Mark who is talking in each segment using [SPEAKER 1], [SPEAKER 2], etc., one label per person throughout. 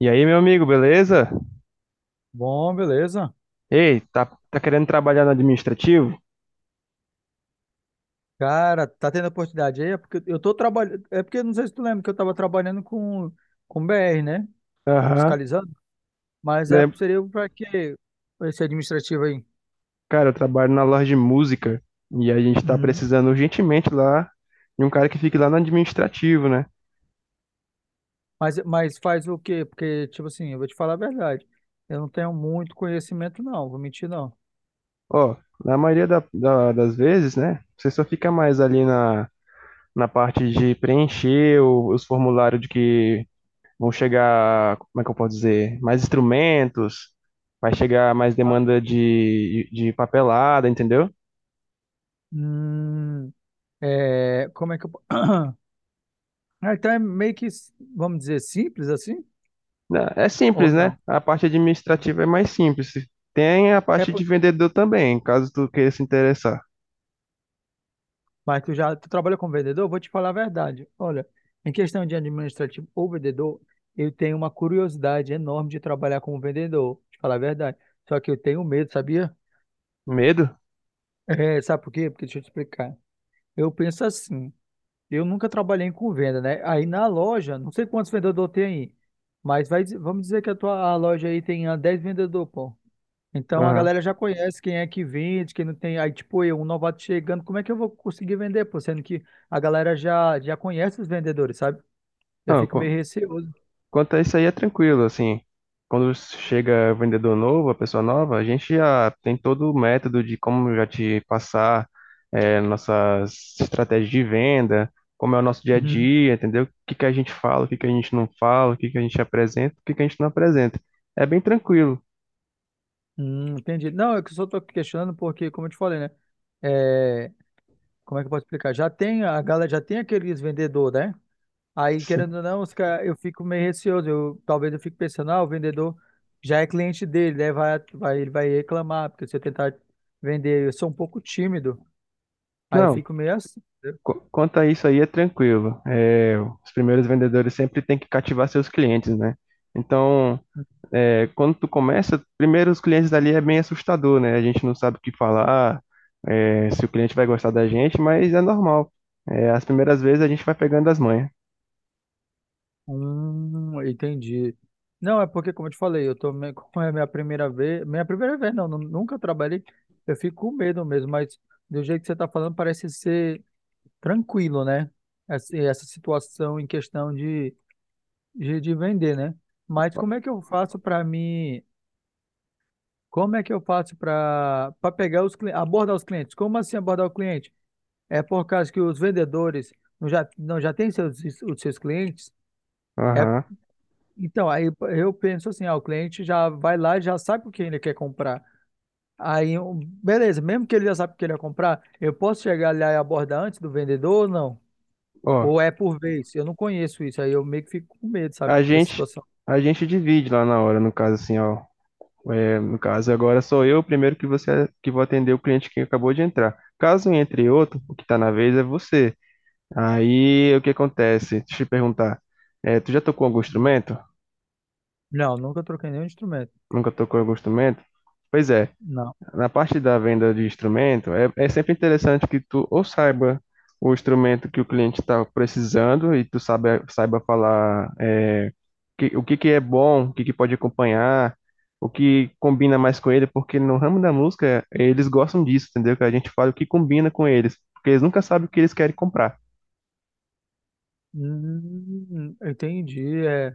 [SPEAKER 1] E aí, meu amigo, beleza?
[SPEAKER 2] Bom, beleza.
[SPEAKER 1] Ei, tá querendo trabalhar no administrativo?
[SPEAKER 2] Cara, tá tendo oportunidade aí? É porque eu tô trabalhando. É porque não sei se tu lembra que eu tava trabalhando com BR, né?
[SPEAKER 1] Aham.
[SPEAKER 2] Fiscalizando. Mas é,
[SPEAKER 1] Né?
[SPEAKER 2] seria pra quê? Pra esse administrativo aí.
[SPEAKER 1] Cara, eu trabalho na loja de música e a gente tá
[SPEAKER 2] Uhum.
[SPEAKER 1] precisando urgentemente lá de um cara que fique lá no administrativo, né?
[SPEAKER 2] Mas faz o quê? Porque, tipo assim, eu vou te falar a verdade. Eu não tenho muito conhecimento, não. Vou mentir, não.
[SPEAKER 1] Ó, na maioria das vezes, né? Você só fica mais ali na parte de preencher os formulários de que vão chegar, como é que eu posso dizer? Mais instrumentos, vai chegar mais
[SPEAKER 2] Ah,
[SPEAKER 1] demanda de papelada, entendeu?
[SPEAKER 2] hum, é, como é que euAh, então é meio que, vamos dizer, simples assim?
[SPEAKER 1] Né, é simples,
[SPEAKER 2] Ou
[SPEAKER 1] né?
[SPEAKER 2] não?
[SPEAKER 1] A parte administrativa é mais simples. Tem a
[SPEAKER 2] É,
[SPEAKER 1] parte
[SPEAKER 2] po-
[SPEAKER 1] de vendedor também, caso tu queira se interessar.
[SPEAKER 2] Mas tu trabalha como vendedor? Vou te falar a verdade. Olha, em questão de administrativo ou vendedor, eu tenho uma curiosidade enorme de trabalhar como vendedor, te falar a verdade. Só que eu tenho medo, sabia?
[SPEAKER 1] Medo?
[SPEAKER 2] É, sabe por quê? Porque deixa eu te explicar. Eu penso assim, eu nunca trabalhei com venda, né? Aí na loja, não sei quantos vendedores tem aí, mas vamos dizer que a loja aí tem 10 vendedores, pô. Então a
[SPEAKER 1] Aham.
[SPEAKER 2] galera já conhece quem é que vende, quem não tem. Aí, tipo, eu, um novato chegando, como é que eu vou conseguir vender, pô? Sendo que a galera já conhece os vendedores, sabe? Eu
[SPEAKER 1] Não,
[SPEAKER 2] fico meio
[SPEAKER 1] qu-
[SPEAKER 2] receoso.
[SPEAKER 1] quanto a isso aí é tranquilo, assim. Quando chega vendedor novo, a pessoa nova, a gente já tem todo o método de como já te passar nossas estratégias de venda, como é o nosso dia a
[SPEAKER 2] Uhum.
[SPEAKER 1] dia, entendeu? O que que a gente fala, o que que a gente não fala, o que que a gente apresenta, o que que a gente não apresenta. É bem tranquilo.
[SPEAKER 2] Entendi. Não, é que eu só tô questionando porque, como eu te falei, né? É, como é que eu posso explicar? A galera já tem aqueles vendedores, né? Aí,
[SPEAKER 1] Sim.
[SPEAKER 2] querendo ou não, os cara, eu fico meio receoso. Talvez eu fique pensando, o vendedor já é cliente dele, né? Vai, vai, ele vai reclamar, porque se eu tentar vender, eu sou um pouco tímido. Aí eu
[SPEAKER 1] Não,
[SPEAKER 2] fico meio assim.
[SPEAKER 1] quanto a isso aí, é tranquilo. É, os primeiros vendedores sempre têm que cativar seus clientes, né? Então, é, quando tu começa, primeiro os clientes ali é bem assustador, né? A gente não sabe o que falar, é, se o cliente vai gostar da gente, mas é normal. É, as primeiras vezes a gente vai pegando as manhas.
[SPEAKER 2] Entendi. Não, é porque, como eu te falei, eu tô meio, como é a minha primeira vez não, nunca trabalhei, eu fico com medo mesmo, mas do jeito que você tá falando parece ser tranquilo, né? Essa situação em questão de, vender, né? Mas como é que eu faço para mim, como é que eu faço para pegar os clientes, abordar os clientes? Como assim abordar o cliente? É por causa que os vendedores não já têm os seus clientes? É.
[SPEAKER 1] Aham.
[SPEAKER 2] Então, aí eu penso assim, o cliente já vai lá e já sabe o que ele quer comprar. Aí, beleza, mesmo que ele já sabe o que ele quer comprar, eu posso chegar lá e abordar antes do vendedor ou não?
[SPEAKER 1] Ó,
[SPEAKER 2] Ou é por vez? Eu não conheço isso, aí eu meio que fico com medo,
[SPEAKER 1] a
[SPEAKER 2] sabe, dessa
[SPEAKER 1] gente,
[SPEAKER 2] situação.
[SPEAKER 1] a gente divide lá na hora, no caso assim, ó. É, no caso, agora sou eu o primeiro que você que vou atender o cliente que acabou de entrar. Caso entre outro, o que está na vez é você. Aí, o que acontece? Deixa eu te perguntar. É, tu já tocou algum
[SPEAKER 2] Hum.
[SPEAKER 1] instrumento?
[SPEAKER 2] Não, nunca troquei nenhum instrumento.
[SPEAKER 1] Nunca tocou algum instrumento? Pois é,
[SPEAKER 2] Não.
[SPEAKER 1] na parte da venda de instrumento, é sempre interessante que tu ou saiba o instrumento que o cliente está precisando e tu saiba falar o que que é bom, o que que pode acompanhar, o que combina mais com ele, porque no ramo da música eles gostam disso, entendeu? Que a gente fala o que combina com eles, porque eles nunca sabem o que eles querem comprar,
[SPEAKER 2] Entendi. É.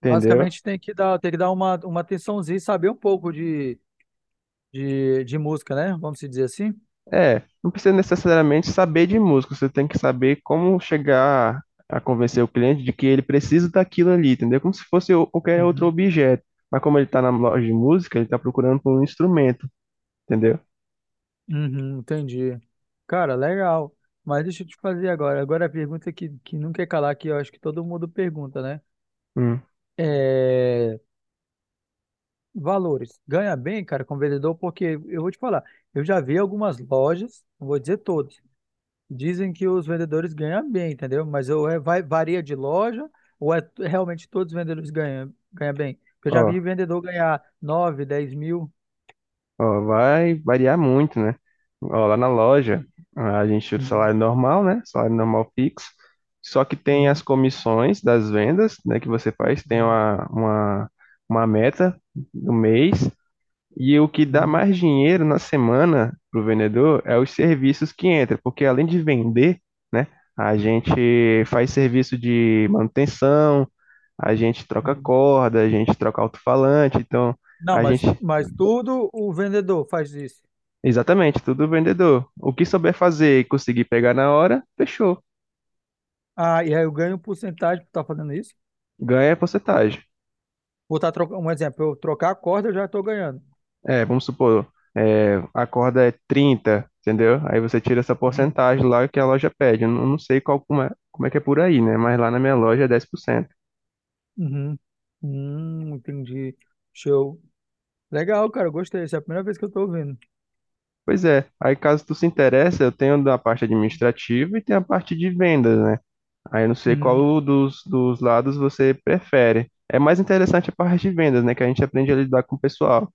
[SPEAKER 1] entendeu?
[SPEAKER 2] Basicamente tem que dar uma atençãozinha e saber um pouco de música, né? Vamos se dizer assim.
[SPEAKER 1] É, não precisa necessariamente saber de música, você tem que saber como chegar a convencer o cliente de que ele precisa daquilo ali, entendeu? Como se fosse qualquer outro objeto. Mas como ele está na loja de música, ele está procurando por um instrumento, entendeu?
[SPEAKER 2] Uhum, entendi. Cara, legal. Mas deixa eu te fazer agora. Agora a pergunta que não quer calar, que eu acho que todo mundo pergunta, né?
[SPEAKER 1] Hum.
[SPEAKER 2] É... Valores. Ganha bem, cara, como vendedor, porque eu vou te falar, eu já vi algumas lojas, não vou dizer todas, dizem que os vendedores ganham bem, entendeu? Mas eu, varia de loja, ou é realmente todos os vendedores ganham bem? Porque eu já vi
[SPEAKER 1] Ó,
[SPEAKER 2] vendedor ganhar nove, 10 mil.
[SPEAKER 1] ó, vai variar muito, né? Ó, lá na loja, a gente tira o
[SPEAKER 2] Uhum,
[SPEAKER 1] salário normal, né? Salário normal fixo. Só que tem as
[SPEAKER 2] uhum,
[SPEAKER 1] comissões das vendas, né, que você faz, tem
[SPEAKER 2] uhum,
[SPEAKER 1] uma meta do mês. E o que dá
[SPEAKER 2] uhum,
[SPEAKER 1] mais dinheiro na semana pro vendedor é os serviços que entram, porque além de vender, né, a gente faz serviço de manutenção, a gente troca
[SPEAKER 2] uhum.
[SPEAKER 1] corda, a gente troca alto-falante, então
[SPEAKER 2] Não,
[SPEAKER 1] a
[SPEAKER 2] mas,
[SPEAKER 1] gente,
[SPEAKER 2] mas tudo o vendedor faz isso.
[SPEAKER 1] exatamente, tudo vendedor. O que souber fazer e conseguir pegar na hora, fechou,
[SPEAKER 2] Ah, e aí eu ganho um porcentagem por estar fazendo isso.
[SPEAKER 1] ganha porcentagem.
[SPEAKER 2] Vou estar trocando, um exemplo, eu trocar a corda, eu já estou ganhando.
[SPEAKER 1] É, vamos supor, a corda é 30, entendeu? Aí você tira essa
[SPEAKER 2] Uhum.
[SPEAKER 1] porcentagem lá que a loja pede. Eu não sei qual, como é que é por aí, né? Mas lá na minha loja é 10%.
[SPEAKER 2] Uhum. Entendi. Show. Legal, cara, eu gostei. Essa é a primeira vez que eu estou ouvindo.
[SPEAKER 1] Pois é, aí caso tu se interesse, eu tenho da parte administrativa e tem a parte de vendas, né? Aí eu não sei
[SPEAKER 2] Uhum.
[SPEAKER 1] qual dos lados você prefere. É mais interessante a parte de vendas, né? Que a gente aprende a lidar com o pessoal.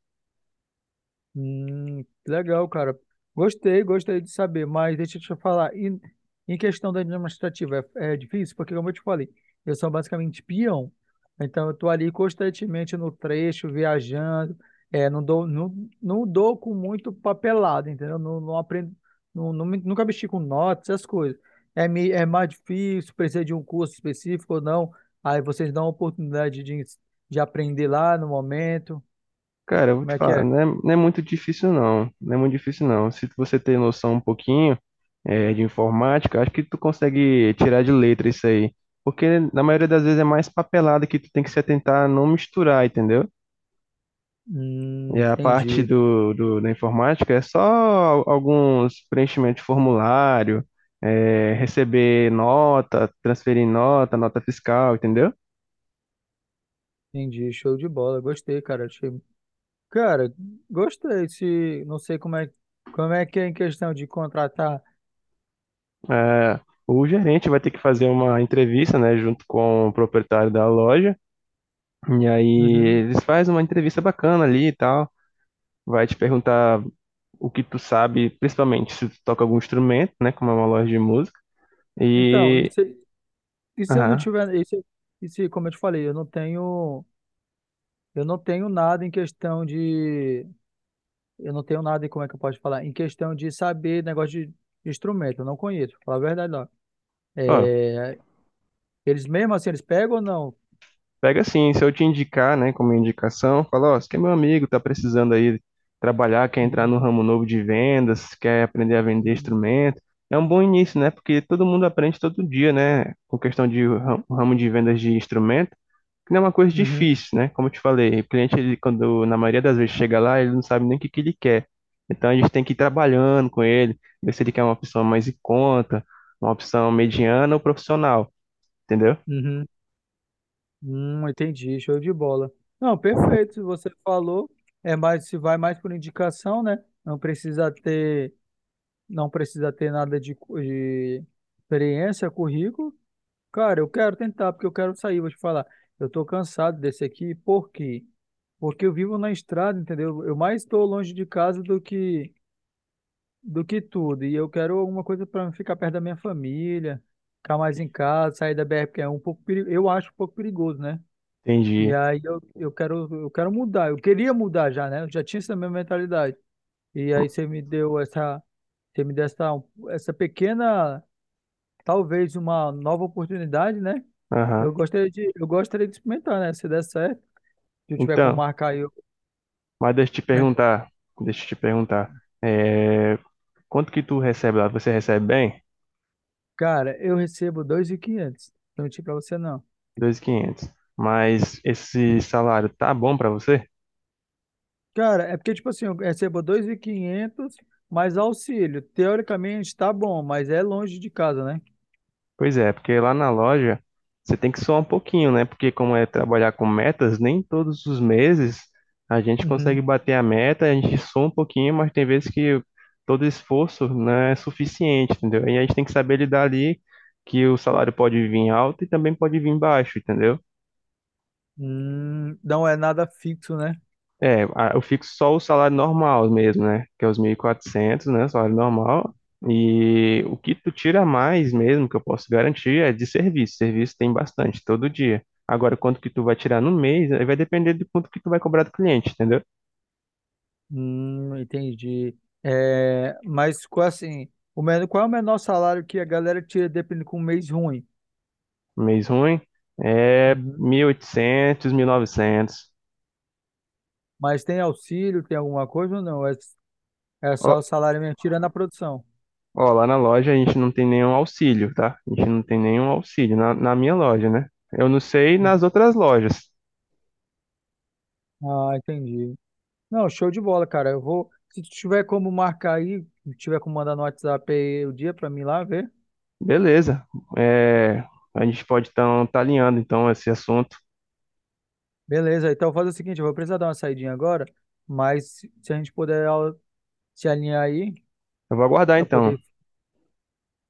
[SPEAKER 2] Legal, cara. Gostei, gostei de saber, mas deixa eu te falar, em questão da administrativa, é difícil, porque como eu te falei, eu sou basicamente peão, então eu tô ali constantemente no trecho, viajando, é, não dou com muito papelado, entendeu? Não, não aprendo, nunca mexi com notas, essas coisas. É, é mais difícil, precisa de um curso específico ou não, aí vocês dão a oportunidade de aprender lá no momento,
[SPEAKER 1] Cara, eu vou
[SPEAKER 2] como
[SPEAKER 1] te
[SPEAKER 2] é que
[SPEAKER 1] falar,
[SPEAKER 2] é?
[SPEAKER 1] não é muito difícil não, não é muito difícil não. Se você ter noção um pouquinho de informática, acho que tu consegue tirar de letra isso aí. Porque na maioria das vezes é mais papelada que tu tem que se atentar a não misturar, entendeu? E
[SPEAKER 2] Hum,
[SPEAKER 1] a parte
[SPEAKER 2] entendi,
[SPEAKER 1] da informática é só alguns preenchimentos de formulário, receber nota, transferir nota, nota fiscal, entendeu?
[SPEAKER 2] entendi. Show de bola. Gostei, cara. Cara, gostei. Se... Não sei como é que é em questão de contratar.
[SPEAKER 1] Eh, o gerente vai ter que fazer uma entrevista, né, junto com o proprietário da loja. E aí
[SPEAKER 2] Uhum.
[SPEAKER 1] eles fazem uma entrevista bacana ali e tal, vai te perguntar o que tu sabe, principalmente se tu toca algum instrumento, né, como é uma loja de música.
[SPEAKER 2] Então,
[SPEAKER 1] E,
[SPEAKER 2] e se eu não
[SPEAKER 1] aham.
[SPEAKER 2] tiver. E se, como eu te falei, eu não tenho. Eu não tenho nada em questão de. Eu não tenho nada, como é que eu posso falar? Em questão de saber negócio de instrumento. Eu não conheço, pra falar a verdade, não.
[SPEAKER 1] Ó,
[SPEAKER 2] É... Eles mesmo assim, eles pegam ou não?
[SPEAKER 1] pega assim, se eu te indicar, né, como indicação, fala, ó, você que é meu amigo, tá precisando aí trabalhar, quer entrar
[SPEAKER 2] Uhum.
[SPEAKER 1] no ramo novo de vendas, quer aprender a vender
[SPEAKER 2] Uhum.
[SPEAKER 1] instrumento. É um bom início, né? Porque todo mundo aprende todo dia, né? Com questão de ramo de vendas de instrumento. Não é uma coisa
[SPEAKER 2] Uhum.
[SPEAKER 1] difícil, né? Como eu te falei, o cliente, ele, quando na maioria das vezes chega lá, ele não sabe nem o que ele quer. Então a gente tem que ir trabalhando com ele, ver se ele quer uma opção mais em conta, uma opção mediana ou profissional, entendeu?
[SPEAKER 2] Uhum. Entendi, show de bola. Não, perfeito, se você falou, é mais se vai mais por indicação, né? Não precisa ter nada de, de experiência, currículo. Cara, eu quero tentar porque eu quero sair, vou te falar. Eu tô cansado desse aqui, por quê? Porque eu vivo na estrada, entendeu? Eu mais estou longe de casa do que tudo, e eu quero alguma coisa para ficar perto da minha família, ficar mais em casa, sair da BR, porque é um pouco, eu acho um pouco perigoso, né? E
[SPEAKER 1] Entendi.
[SPEAKER 2] aí eu quero mudar. Eu queria mudar já, né? Eu já tinha essa minha mentalidade. E aí você me deu essa pequena, talvez uma nova oportunidade, né?
[SPEAKER 1] Aham.
[SPEAKER 2] Eu gostaria de experimentar, né? Se der certo, se eu tiver como
[SPEAKER 1] Então,
[SPEAKER 2] marcar aí, eu...
[SPEAKER 1] mas deixa eu te perguntar, é, quanto que tu recebe lá? Você recebe bem?
[SPEAKER 2] Cara, eu recebo 2.500. Não menti pra você, não.
[SPEAKER 1] 2.500. Mas esse salário tá bom pra você?
[SPEAKER 2] Cara, é porque, tipo assim, eu recebo 2.500 mais auxílio. Teoricamente tá bom, mas é longe de casa, né?
[SPEAKER 1] Pois é, porque lá na loja você tem que suar um pouquinho, né? Porque como é trabalhar com metas, nem todos os meses a gente
[SPEAKER 2] Uhum.
[SPEAKER 1] consegue bater a meta, a gente sua um pouquinho, mas tem vezes que todo esforço não é suficiente, entendeu? E a gente tem que saber lidar ali que o salário pode vir alto e também pode vir baixo, entendeu?
[SPEAKER 2] Não é nada fixo, né?
[SPEAKER 1] É, eu fixo só o salário normal mesmo, né? Que é os 1.400, né? Salário normal. E o que tu tira mais mesmo, que eu posso garantir, é de serviço. Serviço tem bastante, todo dia. Agora, quanto que tu vai tirar no mês, aí vai depender do quanto que tu vai cobrar do cliente, entendeu?
[SPEAKER 2] Entendi. É, mas assim, o menor, qual é o menor salário que a galera tira dependendo com um mês ruim?
[SPEAKER 1] Mês ruim é
[SPEAKER 2] Uhum.
[SPEAKER 1] mil e 1.900.
[SPEAKER 2] Mas tem auxílio, tem alguma coisa ou não? É só o
[SPEAKER 1] Ó,
[SPEAKER 2] salário mesmo, tirando a produção.
[SPEAKER 1] ó, lá na loja a gente não tem nenhum auxílio, tá? A gente não tem nenhum auxílio na minha loja, né? Eu não sei nas
[SPEAKER 2] Uhum.
[SPEAKER 1] outras lojas.
[SPEAKER 2] Ah, entendi. Não, show de bola, cara. Se tu tiver como marcar aí, se tiver como mandar no WhatsApp aí o dia pra mim lá ver.
[SPEAKER 1] Beleza. É, a gente pode estar tá alinhando então esse assunto.
[SPEAKER 2] Beleza, então faz o seguinte, eu vou precisar dar uma saidinha agora, mas se a gente puder ó, se alinhar aí
[SPEAKER 1] Eu vou aguardar
[SPEAKER 2] pra
[SPEAKER 1] então.
[SPEAKER 2] poder,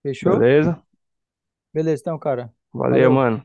[SPEAKER 2] fechou?
[SPEAKER 1] Beleza?
[SPEAKER 2] Beleza, então, cara.
[SPEAKER 1] Valeu,
[SPEAKER 2] Valeu.
[SPEAKER 1] mano.